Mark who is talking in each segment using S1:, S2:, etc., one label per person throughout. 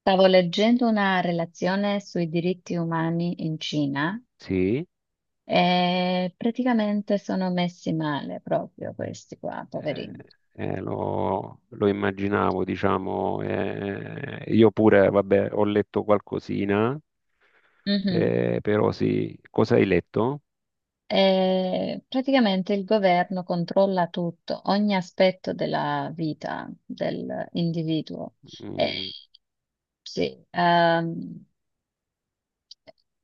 S1: Stavo leggendo una relazione sui diritti umani in Cina
S2: Sì,
S1: e praticamente sono messi male proprio questi qua,
S2: eh,
S1: poverini.
S2: lo immaginavo, diciamo. Io pure, vabbè, ho letto qualcosina,
S1: Mhm.
S2: però sì. Cosa hai letto?
S1: E praticamente il governo controlla tutto, ogni aspetto della vita dell'individuo. E
S2: Mm,
S1: sì,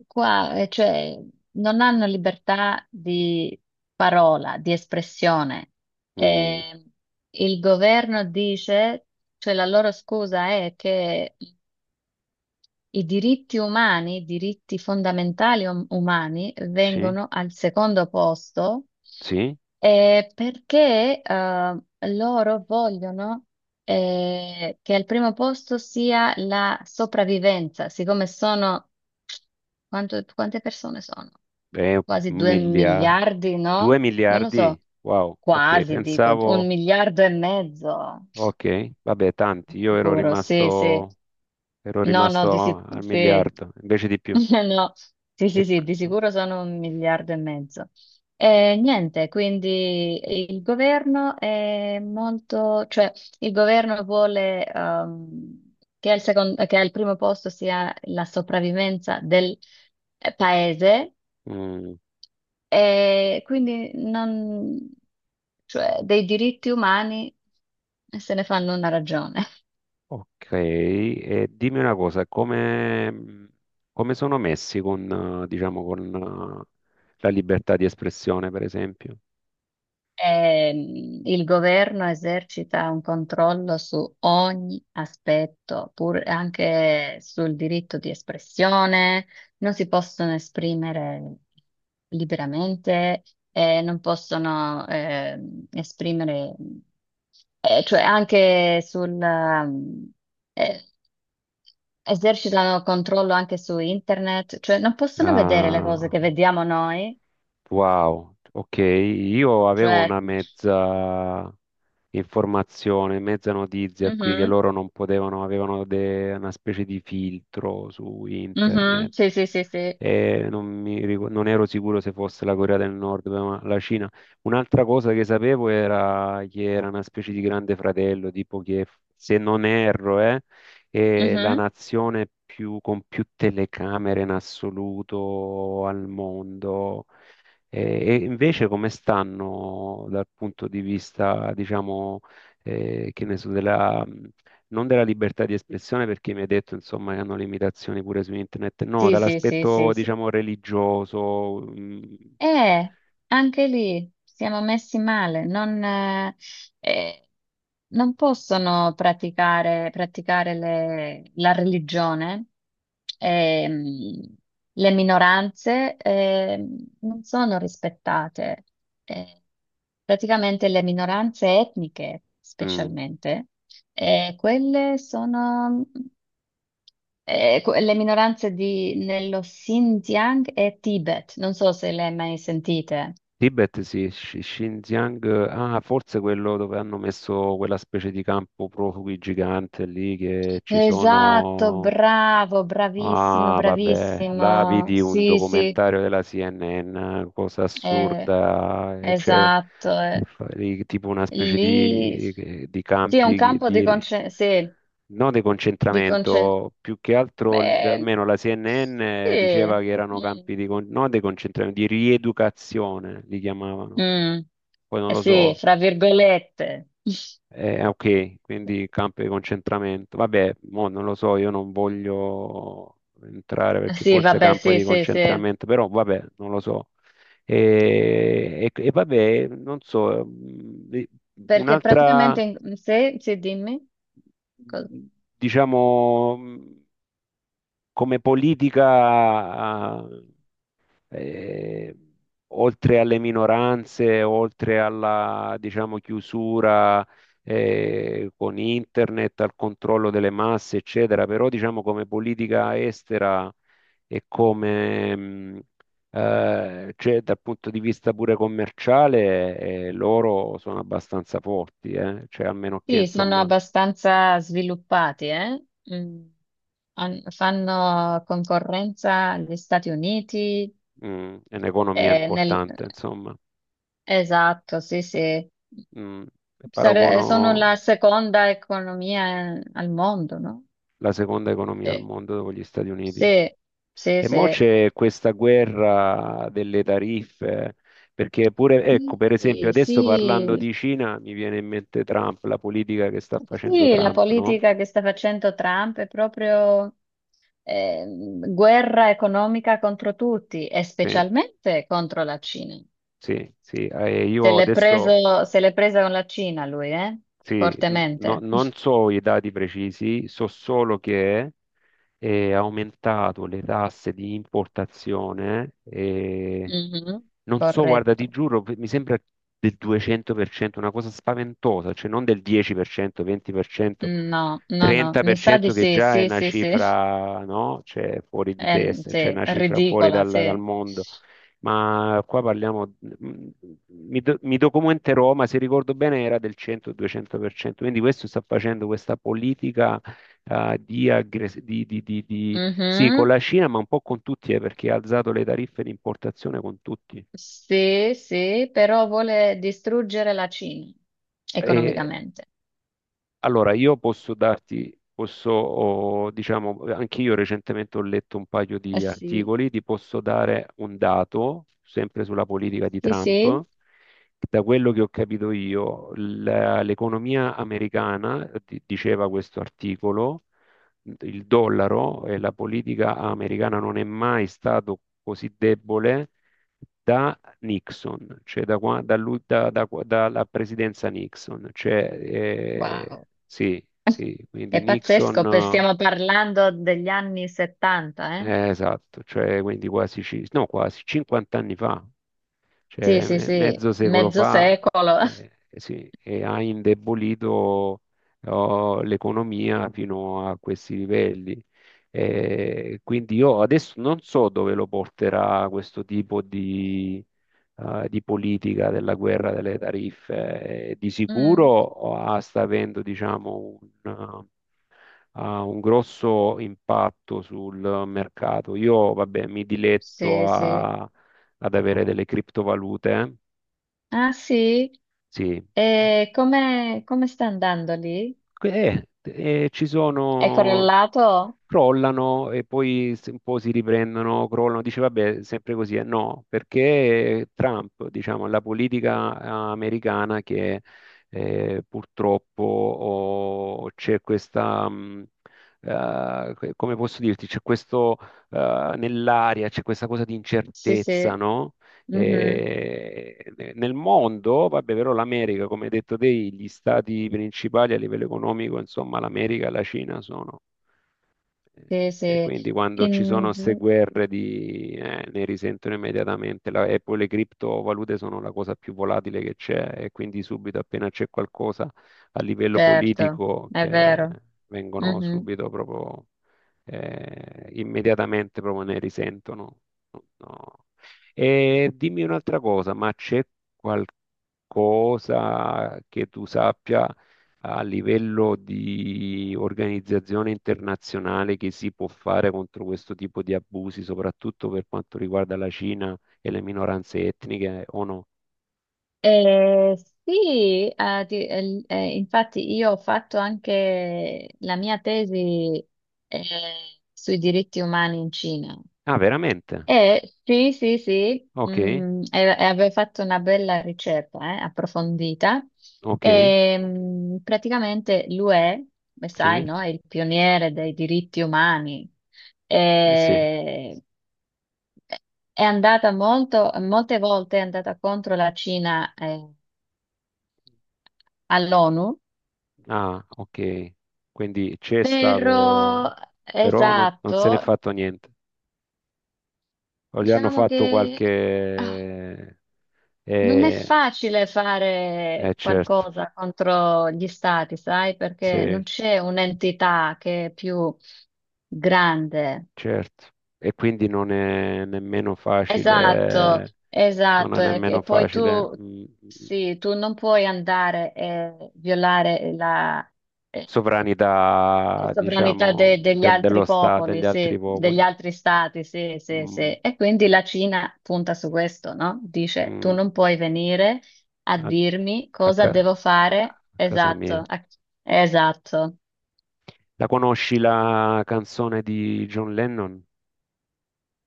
S1: qua, cioè, non hanno libertà di parola, di espressione.
S2: mm,
S1: Eh, il governo dice, cioè la loro scusa è che i diritti umani, i diritti fondamentali umani
S2: sì,
S1: vengono al secondo posto,
S2: sì,
S1: perché loro vogliono che al primo posto sia la sopravvivenza, siccome sono quante persone sono?
S2: eh,
S1: Quasi
S2: un
S1: due
S2: miliardo,
S1: miliardi,
S2: due
S1: no? Non lo
S2: miliardi?
S1: so,
S2: Wow, ok,
S1: quasi dico, un
S2: pensavo,
S1: miliardo e mezzo,
S2: ok, vabbè,
S1: di
S2: tanti. Io
S1: sicuro, sì, sì.
S2: ero
S1: No, no,
S2: rimasto al
S1: sì.
S2: miliardo, invece di più.
S1: No, sì,
S2: E-
S1: sì, sì, di sicuro sono un miliardo e mezzo. E niente, quindi il governo è molto, cioè il governo vuole che che al primo posto sia la sopravvivenza del, paese,
S2: mm,
S1: e quindi non, cioè, dei diritti umani se ne fanno una ragione.
S2: Ok, e dimmi una cosa, come sono messi con, diciamo, con la libertà di espressione, per esempio?
S1: Il governo esercita un controllo su ogni aspetto, pur anche sul diritto di espressione, non si possono esprimere liberamente, non possono esprimere, cioè anche sul, eh, esercitano controllo anche su internet, cioè non possono vedere le cose
S2: Ah,
S1: che vediamo noi,
S2: wow, ok, io avevo
S1: cioè...
S2: una mezza informazione, mezza notizia qui che
S1: Mhm,
S2: loro non potevano, avevano una specie di filtro su
S1: mhm.
S2: internet.
S1: Sì, sì, sì, sì.
S2: E non, non ero sicuro se fosse la Corea del Nord, ma la Cina. Un'altra cosa che sapevo era che era una specie di grande fratello, tipo che se non erro, è la
S1: Mhm.
S2: nazione più, con più telecamere in assoluto al mondo. E invece come stanno dal punto di vista, diciamo, che ne so, non della libertà di espressione, perché mi hai detto, insomma, che hanno limitazioni pure su internet, no,
S1: Sì, sì, sì,
S2: dall'aspetto,
S1: sì, sì.
S2: diciamo, religioso.
S1: Eh, Anche lì siamo messi male, non, eh, non possono praticare la religione, ehm, le minoranze, non sono rispettate. Eh, praticamente le minoranze etniche,
S2: Mm.
S1: specialmente, quelle sono. Le minoranze nello Xinjiang e Tibet, non so se le hai mai sentite.
S2: Tibet, sì, Xinjiang, ah, forse quello dove hanno messo quella specie di campo profughi gigante lì che ci
S1: Esatto,
S2: sono.
S1: bravo, bravissimo,
S2: Ah, vabbè, là
S1: bravissimo.
S2: vidi un
S1: Sì, sì,
S2: documentario della CNN, cosa
S1: eh,
S2: assurda, e
S1: esatto. Eh.
S2: tipo una specie
S1: Lì
S2: di
S1: sì, è un
S2: campi
S1: campo
S2: di,
S1: di concentrazione. Sì,
S2: non di
S1: di concen-
S2: concentramento, più che altro,
S1: eh,
S2: almeno la CNN
S1: sì.
S2: diceva che erano
S1: Mm,
S2: campi di, non di concentramento, di rieducazione, li chiamavano,
S1: mm,
S2: poi non
S1: eh
S2: lo
S1: sì,
S2: so,
S1: fra virgolette.
S2: ok, quindi campo di concentramento. Vabbè, mo non lo so, io non voglio entrare perché
S1: Sì,
S2: forse
S1: vabbè,
S2: campo
S1: sì,
S2: di
S1: sì, sì.
S2: concentramento, però vabbè, non lo so. Vabbè, non so,
S1: Perché praticamente,
S2: un'altra,
S1: se, sì, dimmi, cosa...
S2: mh, diciamo, come politica ah, eh, oltre alle minoranze, diciamo, chiusura con internet, al controllo delle masse, eccetera, però diciamo come politica estera e come cioè, dal punto di vista pure commerciale, loro sono abbastanza forti, eh? Cioè, a meno che
S1: Sì, sono
S2: insomma,
S1: abbastanza sviluppati, eh? Mm. Fanno concorrenza agli Stati Uniti,
S2: è un'economia
S1: nel...
S2: importante, insomma,
S1: esatto, sì, sì.
S2: mh, paragono
S1: Sono la seconda economia al mondo, no?
S2: la seconda economia al
S1: Sì,
S2: mondo dopo gli Stati Uniti.
S1: sì, sì,
S2: E mo
S1: sì.
S2: c'è questa guerra delle tariffe, perché pure, ecco, per esempio,
S1: Sì,
S2: adesso parlando
S1: sì.
S2: di Cina mi viene in mente Trump, la politica che sta facendo
S1: Sì, la
S2: Trump, no?
S1: politica che sta facendo Trump è proprio, guerra economica contro tutti e
S2: Sì,
S1: specialmente contro la Cina.
S2: sì, sì.
S1: Se
S2: Io
S1: l'è
S2: adesso
S1: preso, se l'è presa con la Cina lui, eh?
S2: sì,
S1: Fortemente.
S2: non so i dati precisi, so solo che e ha aumentato le tasse di importazione e
S1: Mhm.
S2: non so, guarda, ti
S1: Corretto.
S2: giuro, mi sembra del 200%, una cosa spaventosa, cioè non del 10%, 20%,
S1: No, no, no, mi sa di
S2: 30% che
S1: sì,
S2: già è
S1: sì,
S2: una
S1: sì, sì.
S2: cifra, no? Cioè fuori di testa, cioè
S1: Sì,
S2: una cifra fuori
S1: ridicola,
S2: dal
S1: sì.
S2: mondo. Ma qua parliamo, mm, mi documenterò, ma se ricordo bene era del 100-200%, quindi questo sta facendo questa politica di sì, con
S1: Mhm.
S2: la Cina, ma un po' con tutti, perché ha alzato le tariffe di importazione con tutti.
S1: Sì, sì, però vuole distruggere la Cina
S2: E
S1: economicamente.
S2: allora io posso darti, posso, oh, diciamo, anche io recentemente ho letto un paio
S1: Eh
S2: di
S1: sì.
S2: articoli, ti posso dare un dato, sempre sulla politica di
S1: Sì, sì,
S2: Trump. Da quello che ho capito io, l'economia americana, diceva questo articolo, il dollaro e la politica americana non è mai stato così debole da Nixon, cioè da qua- da lui- da- da- dalla presidenza Nixon. Cioè,
S1: wow,
S2: sì, sì, quindi
S1: è pazzesco,
S2: Nixon,
S1: stiamo parlando degli anni 70, eh?
S2: esatto, cioè quindi quasi, no, quasi 50 anni fa.
S1: Sì,
S2: Cioè,
S1: sì, sì,
S2: mezzo secolo
S1: mezzo
S2: fa
S1: secolo.
S2: sì, e ha indebolito oh, l'economia fino a questi livelli. Quindi io adesso non so dove lo porterà questo tipo di politica della guerra delle tariffe. Di sicuro
S1: Mm.
S2: oh, ah, sta avendo, diciamo, ha un grosso impatto sul mercato. Io, vabbè, mi
S1: Sì,
S2: diletto
S1: sì.
S2: ad avere delle criptovalute. Eh?
S1: Ah, sì?
S2: Sì,
S1: E come, come sta andando lì?
S2: eh, e ci
S1: È
S2: sono
S1: correlato?
S2: crollano e poi un po' si riprendono, crollano, dice vabbè, sempre così, no, perché Trump, diciamo, la politica americana che purtroppo oh, c'è questa, come posso dirti, c'è questo nell'aria, c'è questa cosa di
S1: Sì,
S2: incertezza,
S1: sì.
S2: no?
S1: Mhm.
S2: E nel mondo, vabbè, però l'America, come hai detto te, gli stati principali a livello economico, insomma, l'America e la Cina sono.
S1: Sì,
S2: E
S1: sì.
S2: quindi quando ci sono
S1: In-
S2: queste ne risentono immediatamente e poi le criptovalute sono la cosa più volatile che c'è e quindi subito appena c'è qualcosa a livello
S1: Certo,
S2: politico
S1: è
S2: che
S1: vero.
S2: vengono
S1: Mm-hmm.
S2: subito proprio immediatamente proprio ne risentono. No. E dimmi un'altra cosa, ma c'è qualcosa che tu sappia a livello di organizzazione internazionale che si può fare contro questo tipo di abusi, soprattutto per quanto riguarda la Cina e le minoranze etniche o no?
S1: Eh, sì, infatti io ho fatto anche la mia tesi eh, sui diritti umani in Cina.
S2: Ah, veramente?
S1: E sì, sì, sì,
S2: Ok,
S1: mm, e avevo fatto una bella ricerca approfondita.
S2: ok,
S1: E, mm, praticamente l'UE, come
S2: sì,
S1: sai, no, è il pioniere dei diritti umani.
S2: eh sì.
S1: E, è andata molto, molte volte è andata contro la Cina, all'ONU,
S2: Ah, ok. Quindi c'è
S1: però
S2: stato, però non, non se n'è
S1: esatto,
S2: fatto niente. O gli hanno
S1: diciamo
S2: fatto
S1: che ah,
S2: qualche...
S1: non è
S2: Eh,
S1: facile fare
S2: certo,
S1: qualcosa contro gli stati, sai, perché non
S2: sì,
S1: c'è un'entità che è più grande.
S2: certo, e quindi non è nemmeno
S1: Esatto,
S2: facile, non è
S1: esatto.
S2: nemmeno
S1: E poi
S2: facile
S1: tu,
S2: mh,
S1: sì, tu non puoi andare e violare la,
S2: sovranità,
S1: sovranità
S2: diciamo,
S1: degli
S2: dello
S1: altri
S2: Stato, degli
S1: popoli,
S2: altri
S1: sì, degli
S2: popoli.
S1: altri stati, sì, sì,
S2: Mm,
S1: sì. E quindi la Cina punta su questo, no? Dice, tu
S2: mm,
S1: non puoi venire a
S2: a,
S1: dirmi
S2: a
S1: cosa
S2: ca-
S1: devo fare.
S2: a casa
S1: Esatto,
S2: mia.
S1: a... esatto.
S2: La conosci la canzone di John Lennon?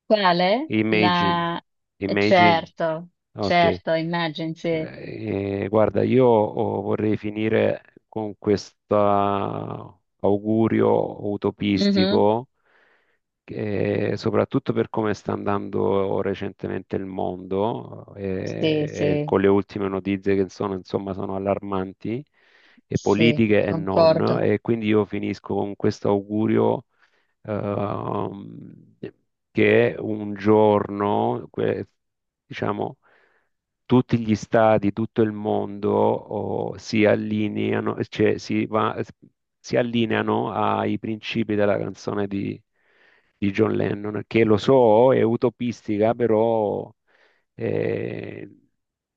S1: Quale?
S2: Imagine.
S1: La...
S2: Imagine.
S1: certo,
S2: Ok.
S1: certo, immagini,
S2: E guarda, io oh, vorrei finire con questo augurio
S1: sì.
S2: utopistico, che soprattutto per come sta andando recentemente il mondo,
S1: Sì,
S2: e
S1: sì,
S2: con le ultime notizie che sono, insomma, sono allarmanti, e
S1: sì,
S2: politiche e non,
S1: concordo.
S2: e quindi io finisco con questo augurio ehm, che un giorno, diciamo, tutti gli stati, tutto il mondo oh, si allineano, cioè si allineano ai principi della canzone di John Lennon, che lo so, è utopistica, però eh,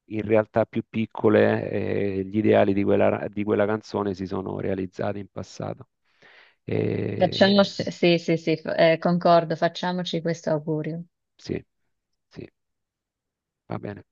S2: in realtà più piccole gli ideali di quella canzone si sono realizzati in passato.
S1: Facciamo,
S2: Eh,
S1: sì, sì, sì, concordo, facciamoci questo augurio.
S2: Sì, sì, va bene.